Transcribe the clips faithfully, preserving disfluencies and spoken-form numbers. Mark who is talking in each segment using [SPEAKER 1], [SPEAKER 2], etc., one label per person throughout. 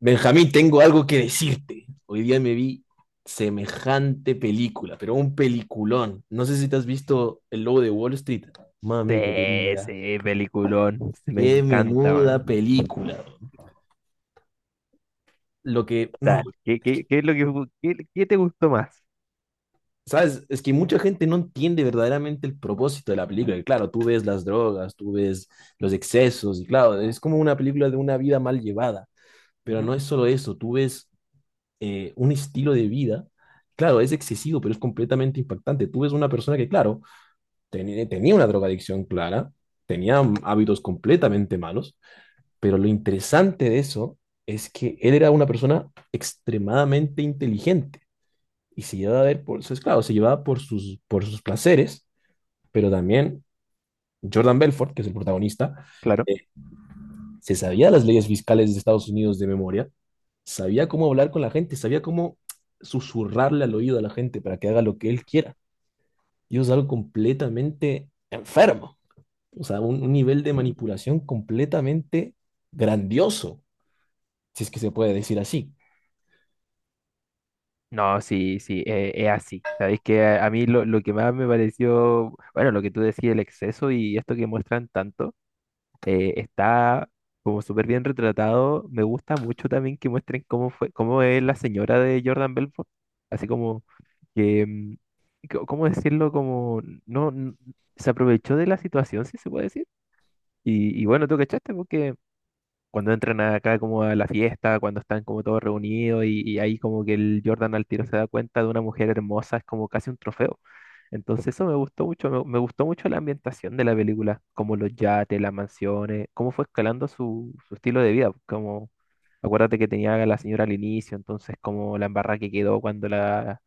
[SPEAKER 1] Benjamín, tengo algo que decirte. Hoy día me vi semejante película, pero un peliculón. No sé si te has visto El Lobo de Wall Street. Mamita
[SPEAKER 2] Sí,
[SPEAKER 1] querida,
[SPEAKER 2] sí, peliculón. Sí, me
[SPEAKER 1] qué
[SPEAKER 2] encanta,
[SPEAKER 1] menuda
[SPEAKER 2] man.
[SPEAKER 1] película. Lo que, no,
[SPEAKER 2] Tal. ¿Qué,
[SPEAKER 1] es
[SPEAKER 2] qué,
[SPEAKER 1] que,
[SPEAKER 2] qué es lo que fu- qué, qué te gustó más?
[SPEAKER 1] ¿sabes? Es que mucha gente no entiende verdaderamente el propósito de la película. Y claro, tú ves las drogas, tú ves los excesos, y claro, es como una película de una vida mal llevada. Pero
[SPEAKER 2] Ujú,
[SPEAKER 1] no es solo eso, tú ves eh, un estilo de vida, claro, es excesivo, pero es completamente impactante. Tú ves una persona que, claro, ten- tenía una drogadicción clara, tenía hábitos completamente malos, pero lo interesante de eso es que él era una persona extremadamente inteligente y se llevaba a ver por, es claro, se llevaba por sus, por sus placeres, pero también Jordan Belfort, que es el protagonista,
[SPEAKER 2] claro.
[SPEAKER 1] eh, se sabía las leyes fiscales de Estados Unidos de memoria. Sabía cómo hablar con la gente, sabía cómo susurrarle al oído a la gente para que haga lo que él quiera. Y eso es algo completamente enfermo. O sea, un, un nivel de manipulación completamente grandioso, si es que se puede decir así.
[SPEAKER 2] No, sí, sí, eh, es así. Sabéis que a, a mí lo, lo que más me pareció, bueno, lo que tú decías, el exceso y esto que muestran tanto, eh, está como súper bien retratado. Me gusta mucho también que muestren cómo fue, cómo es la señora de Jordan Belfort. Así como que, mm, co- ¿cómo decirlo? Como no, n- se aprovechó de la situación, si se puede decir. Y, y bueno, tú cachaste porque cuando entran acá como a la fiesta, cuando están como todos reunidos y, y ahí como que el Jordan al tiro se da cuenta de una mujer hermosa, es como casi un trofeo. Entonces eso me gustó mucho, me, me gustó mucho la ambientación de la película, como los yates, las mansiones, cómo fue escalando su, su estilo de vida, como acuérdate que tenía a la señora al inicio, entonces como la embarrada que quedó cuando la,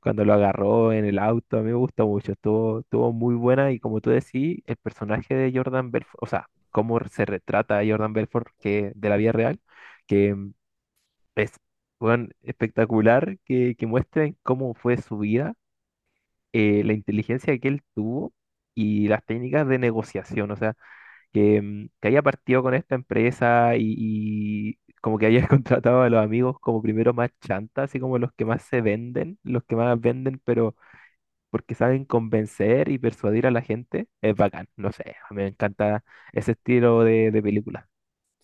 [SPEAKER 2] cuando lo agarró en el auto. A mí me gusta mucho, estuvo, estuvo muy buena y como tú decís, el personaje de Jordan Belfort, o sea, cómo se retrata a Jordan Belfort que, de la vida real, que mm, es weón, espectacular que, que muestren cómo fue su vida, eh, la inteligencia que él tuvo y las técnicas de negociación, o sea, que, mm, que haya partido con esta empresa y... Y como que haya contratado a los amigos como primero más chanta, así como los que más se venden, los que más venden, pero porque saben convencer y persuadir a la gente. Es bacán, no sé, a mí me encanta ese estilo de, de película,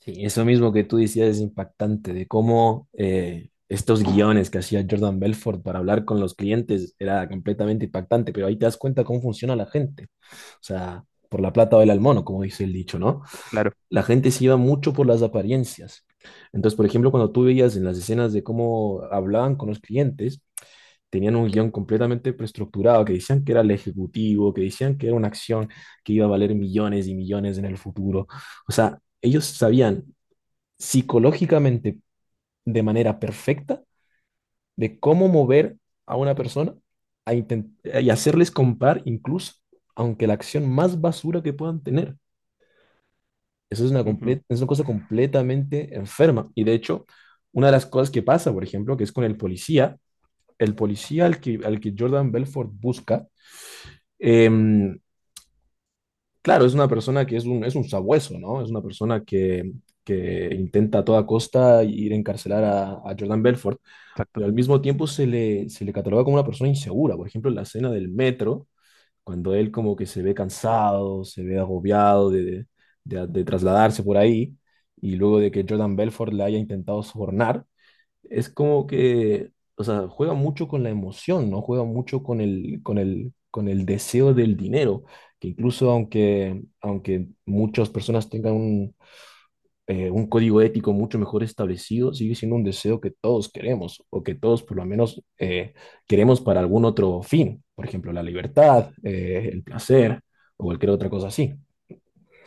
[SPEAKER 1] Sí, eso mismo que tú decías es impactante, de cómo eh, estos guiones que hacía Jordan Belfort para hablar con los clientes era completamente impactante, pero ahí te das cuenta cómo funciona la gente. O sea, por la plata baila el mono, como dice el dicho, ¿no?
[SPEAKER 2] claro.
[SPEAKER 1] La gente se iba mucho por las apariencias. Entonces, por ejemplo, cuando tú veías en las escenas de cómo hablaban con los clientes, tenían un guión completamente preestructurado, que decían que era el ejecutivo, que decían que era una acción que iba a valer millones y millones en el futuro. O sea, ellos sabían psicológicamente de manera perfecta de cómo mover a una persona a intent- y hacerles comprar incluso, aunque la acción más basura que puedan tener. Eso es una,
[SPEAKER 2] Ujú,
[SPEAKER 1] comple- es una cosa completamente enferma. Y de hecho, una de las cosas que pasa, por ejemplo, que es con el policía, el policía al que, al que Jordan Belfort busca, em, claro, es una persona que es un, es un sabueso, ¿no? Es una persona que, que intenta a toda costa ir a encarcelar a, a Jordan Belfort,
[SPEAKER 2] exacto,
[SPEAKER 1] pero al mismo tiempo se le, se le cataloga como una persona insegura. Por ejemplo, en la escena del metro cuando él como que se ve cansado, se ve agobiado de, de, de trasladarse por ahí, y luego de que Jordan Belfort le haya intentado sobornar, es como que, o sea, juega mucho con la emoción, ¿no? Juega mucho con el, con el, con el deseo del dinero, que incluso aunque, aunque muchas personas tengan un, eh, un código ético mucho mejor establecido sigue siendo un deseo que todos queremos o que todos por lo menos eh, queremos para algún otro fin, por ejemplo, la libertad, eh, el placer o cualquier otra cosa así.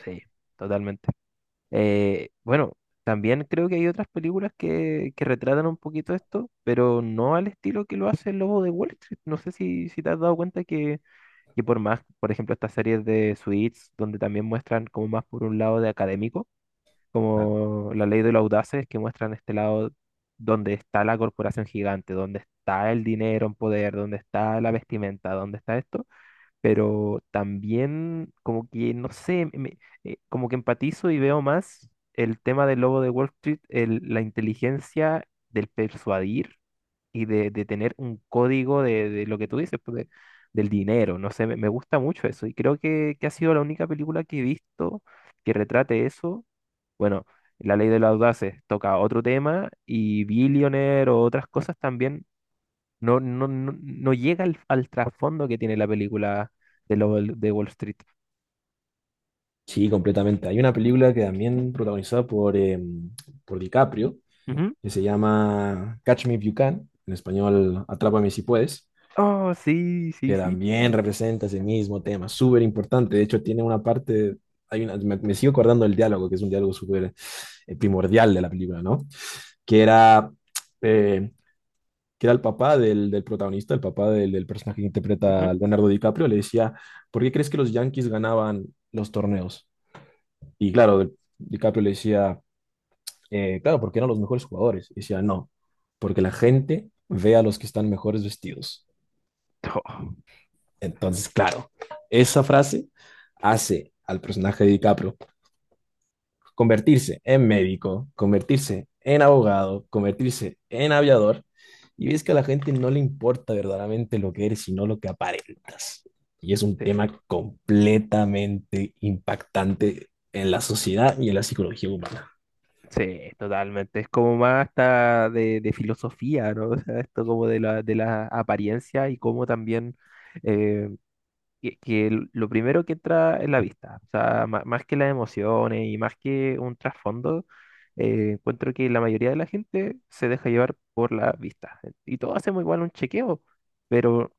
[SPEAKER 2] sí, totalmente. Eh, bueno, también creo que hay otras películas que, que retratan un poquito esto, pero no al estilo que lo hace el Lobo de Wall Street. No sé si, si te has dado cuenta que, que por más, por ejemplo, estas series de Suits, donde también muestran como más por un lado de académico, como la ley de los audaces que muestran este lado donde está la corporación gigante, donde está el dinero en poder, donde está la vestimenta, donde está esto, pero también como que, no sé, me- eh, como que empatizo y veo más el tema del lobo de Wall Street, el- la inteligencia del persuadir y de, de tener un código de, de lo que tú dices, pues, de- del dinero. No sé, me, me gusta mucho eso. Y creo que, que ha sido la única película que he visto que retrate eso. Bueno, La Ley de los Audaces toca otro tema y Billionaire o otras cosas también no, no, no, no llega al, al trasfondo que tiene la película de, lo- de Wall Street.
[SPEAKER 1] Sí, completamente. Hay una película que también protagonizada por, eh, por DiCaprio
[SPEAKER 2] Ujú.
[SPEAKER 1] que se llama Catch Me If You Can, en español Atrápame si puedes.
[SPEAKER 2] Oh, sí, sí,
[SPEAKER 1] Que
[SPEAKER 2] sí.
[SPEAKER 1] también representa ese mismo tema, súper importante. De hecho, tiene una parte, hay una, me, me sigo acordando del diálogo, que es un diálogo súper eh, primordial de la película, ¿no? Que era, eh, que era el papá del, del protagonista, el papá del, del personaje que interpreta
[SPEAKER 2] Ujú.
[SPEAKER 1] a Leonardo DiCaprio, le decía, ¿por qué crees que los Yankees ganaban los torneos? Y claro, DiCaprio le decía, eh, claro, porque eran los mejores jugadores. Y decía, no, porque la gente ve a los que están mejores vestidos.
[SPEAKER 2] Oh,
[SPEAKER 1] Entonces, claro, esa frase hace al personaje de DiCaprio convertirse en médico, convertirse en abogado, convertirse en aviador, y ves que a la gente no le importa verdaderamente lo que eres, sino lo que aparentas. Y es un
[SPEAKER 2] sí.
[SPEAKER 1] tema completamente impactante en la sociedad y en la psicología humana.
[SPEAKER 2] Sí, totalmente. Es como más hasta de, de filosofía, ¿no? O sea, esto como de la, de la apariencia y cómo también eh, que, que l- lo primero que entra es la vista. O sea, ma- más que las emociones y más que un trasfondo, eh, encuentro que la mayoría de la gente se deja llevar por la vista. Y todos hacemos igual un chequeo, pero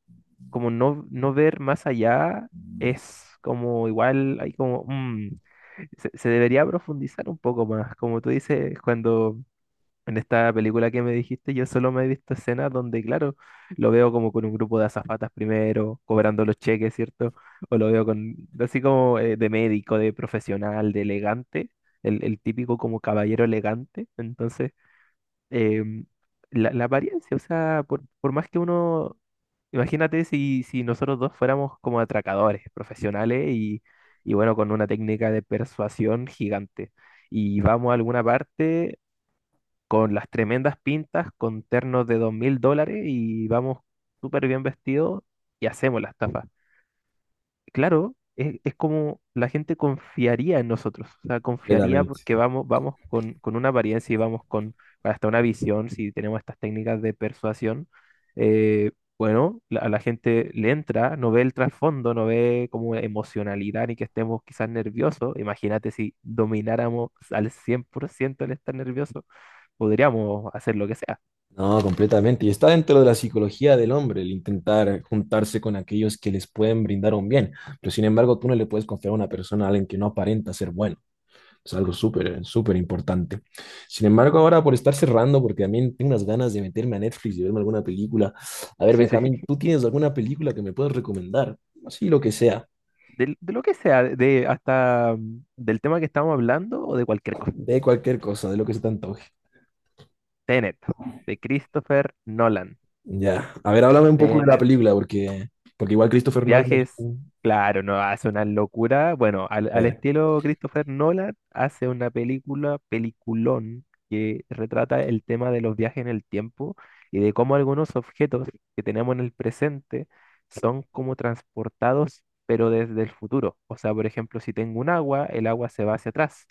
[SPEAKER 2] como no, no ver más allá es como igual, hay como, mm, se, se debería profundizar un poco más. Como tú dices, cuando en esta película que me dijiste, yo solo me he visto escenas donde, claro, lo veo como con un grupo de azafatas primero, cobrando los cheques, ¿cierto? O lo veo con, así como eh, de médico, de profesional, de elegante, el, el típico como caballero elegante. Entonces, em, la, la apariencia, o sea, por, por más que uno, imagínate si, si nosotros dos fuéramos como atracadores profesionales y, y bueno, con una técnica de persuasión gigante y vamos a alguna parte con las tremendas pintas, con ternos de dos mil dólares y vamos súper bien vestidos y hacemos la estafa. Claro, es, es como la gente confiaría en nosotros, o sea, confiaría
[SPEAKER 1] Completamente.
[SPEAKER 2] porque vamos, vamos con, con una apariencia y vamos con hasta una visión, si tenemos estas técnicas de persuasión. eh, bueno, la- a la gente le entra, no ve el trasfondo, no ve como emocionalidad ni que estemos quizás nerviosos. Imagínate si domináramos al cien por ciento el estar nervioso podríamos hacer lo que sea.
[SPEAKER 1] No, completamente. Y está dentro de la psicología del hombre el intentar juntarse con aquellos que les pueden brindar un bien. Pero sin embargo, tú no le puedes confiar a una persona a alguien que no aparenta ser bueno. Es algo súper, súper importante. Sin embargo, ahora por estar cerrando, porque también tengo unas ganas de meterme a Netflix y verme alguna película. A ver,
[SPEAKER 2] Sí, sí.
[SPEAKER 1] Benjamín, ¿tú tienes alguna película que me puedas recomendar? Así lo que sea,
[SPEAKER 2] Del- De, lo que sea, de hasta mm, del tema que estamos hablando o de cualquier cosa.
[SPEAKER 1] de cualquier cosa, de lo que se te antoje.
[SPEAKER 2] Tenet, de Christopher Nolan.
[SPEAKER 1] Ya. A ver, háblame un poco de la película, porque, porque igual Christopher Nolan es
[SPEAKER 2] Viajes,
[SPEAKER 1] un-
[SPEAKER 2] claro, no hace una locura. Bueno, al, al
[SPEAKER 1] eh,
[SPEAKER 2] estilo Christopher Nolan, hace una película, peliculón, que retrata el tema de los viajes en el tiempo y de cómo algunos objetos que tenemos en el presente son como transportados, pero desde el futuro. O sea, por ejemplo, si tengo un agua, el agua se va hacia atrás.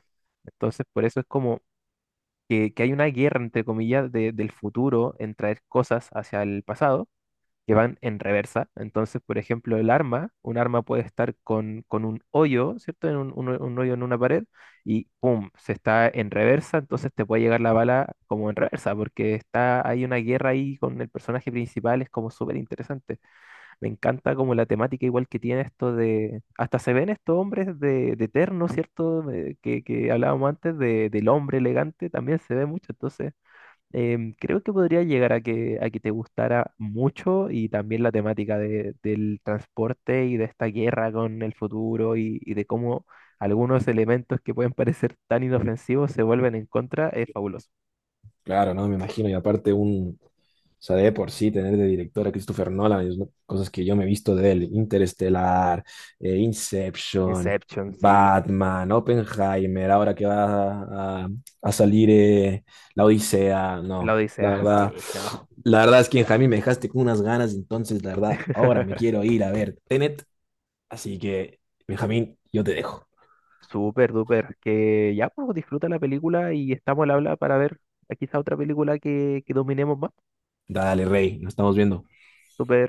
[SPEAKER 2] Entonces, por eso es como que, que hay una guerra, entre comillas, de- del futuro en traer cosas hacia el pasado que van en reversa. Entonces, por ejemplo, el arma, un arma puede estar con, con un hoyo, ¿cierto? En un, un ho- un hoyo en una pared y ¡pum! Se está en reversa, entonces te puede llegar la bala como en reversa, porque está, hay una guerra ahí con el personaje principal, es como súper interesante. Me encanta como la temática igual que tiene esto de, hasta se ven estos hombres de, de terno, ¿cierto? De- que, que hablábamos antes de- del hombre elegante, también se ve mucho, entonces em, creo que podría llegar a que, a que te gustara mucho y también la temática de- del transporte y de esta guerra con el futuro y, y de cómo algunos elementos que pueden parecer tan inofensivos se vuelven en contra, es fabuloso.
[SPEAKER 1] Claro, no, me imagino. Y aparte un, o sea, de por sí tener de director a Christopher Nolan, es una- cosas que yo me he visto de él, Interestelar, eh, Inception,
[SPEAKER 2] Inception, sí.
[SPEAKER 1] Batman, Oppenheimer, ahora que va a, a salir eh, La Odisea,
[SPEAKER 2] La
[SPEAKER 1] no, la
[SPEAKER 2] Odisea, sí,
[SPEAKER 1] verdad,
[SPEAKER 2] no.
[SPEAKER 1] la verdad es que Jaime me dejaste con unas ganas, entonces la verdad, ahora me quiero ir a ver Tenet, así que Benjamín, yo te dejo.
[SPEAKER 2] Súper, duper. Que ya, pues disfruta la película y estamos al habla para ver eh, quizá otra película que, que dominemos más.
[SPEAKER 1] Dale, Rey, nos estamos viendo.
[SPEAKER 2] Súper.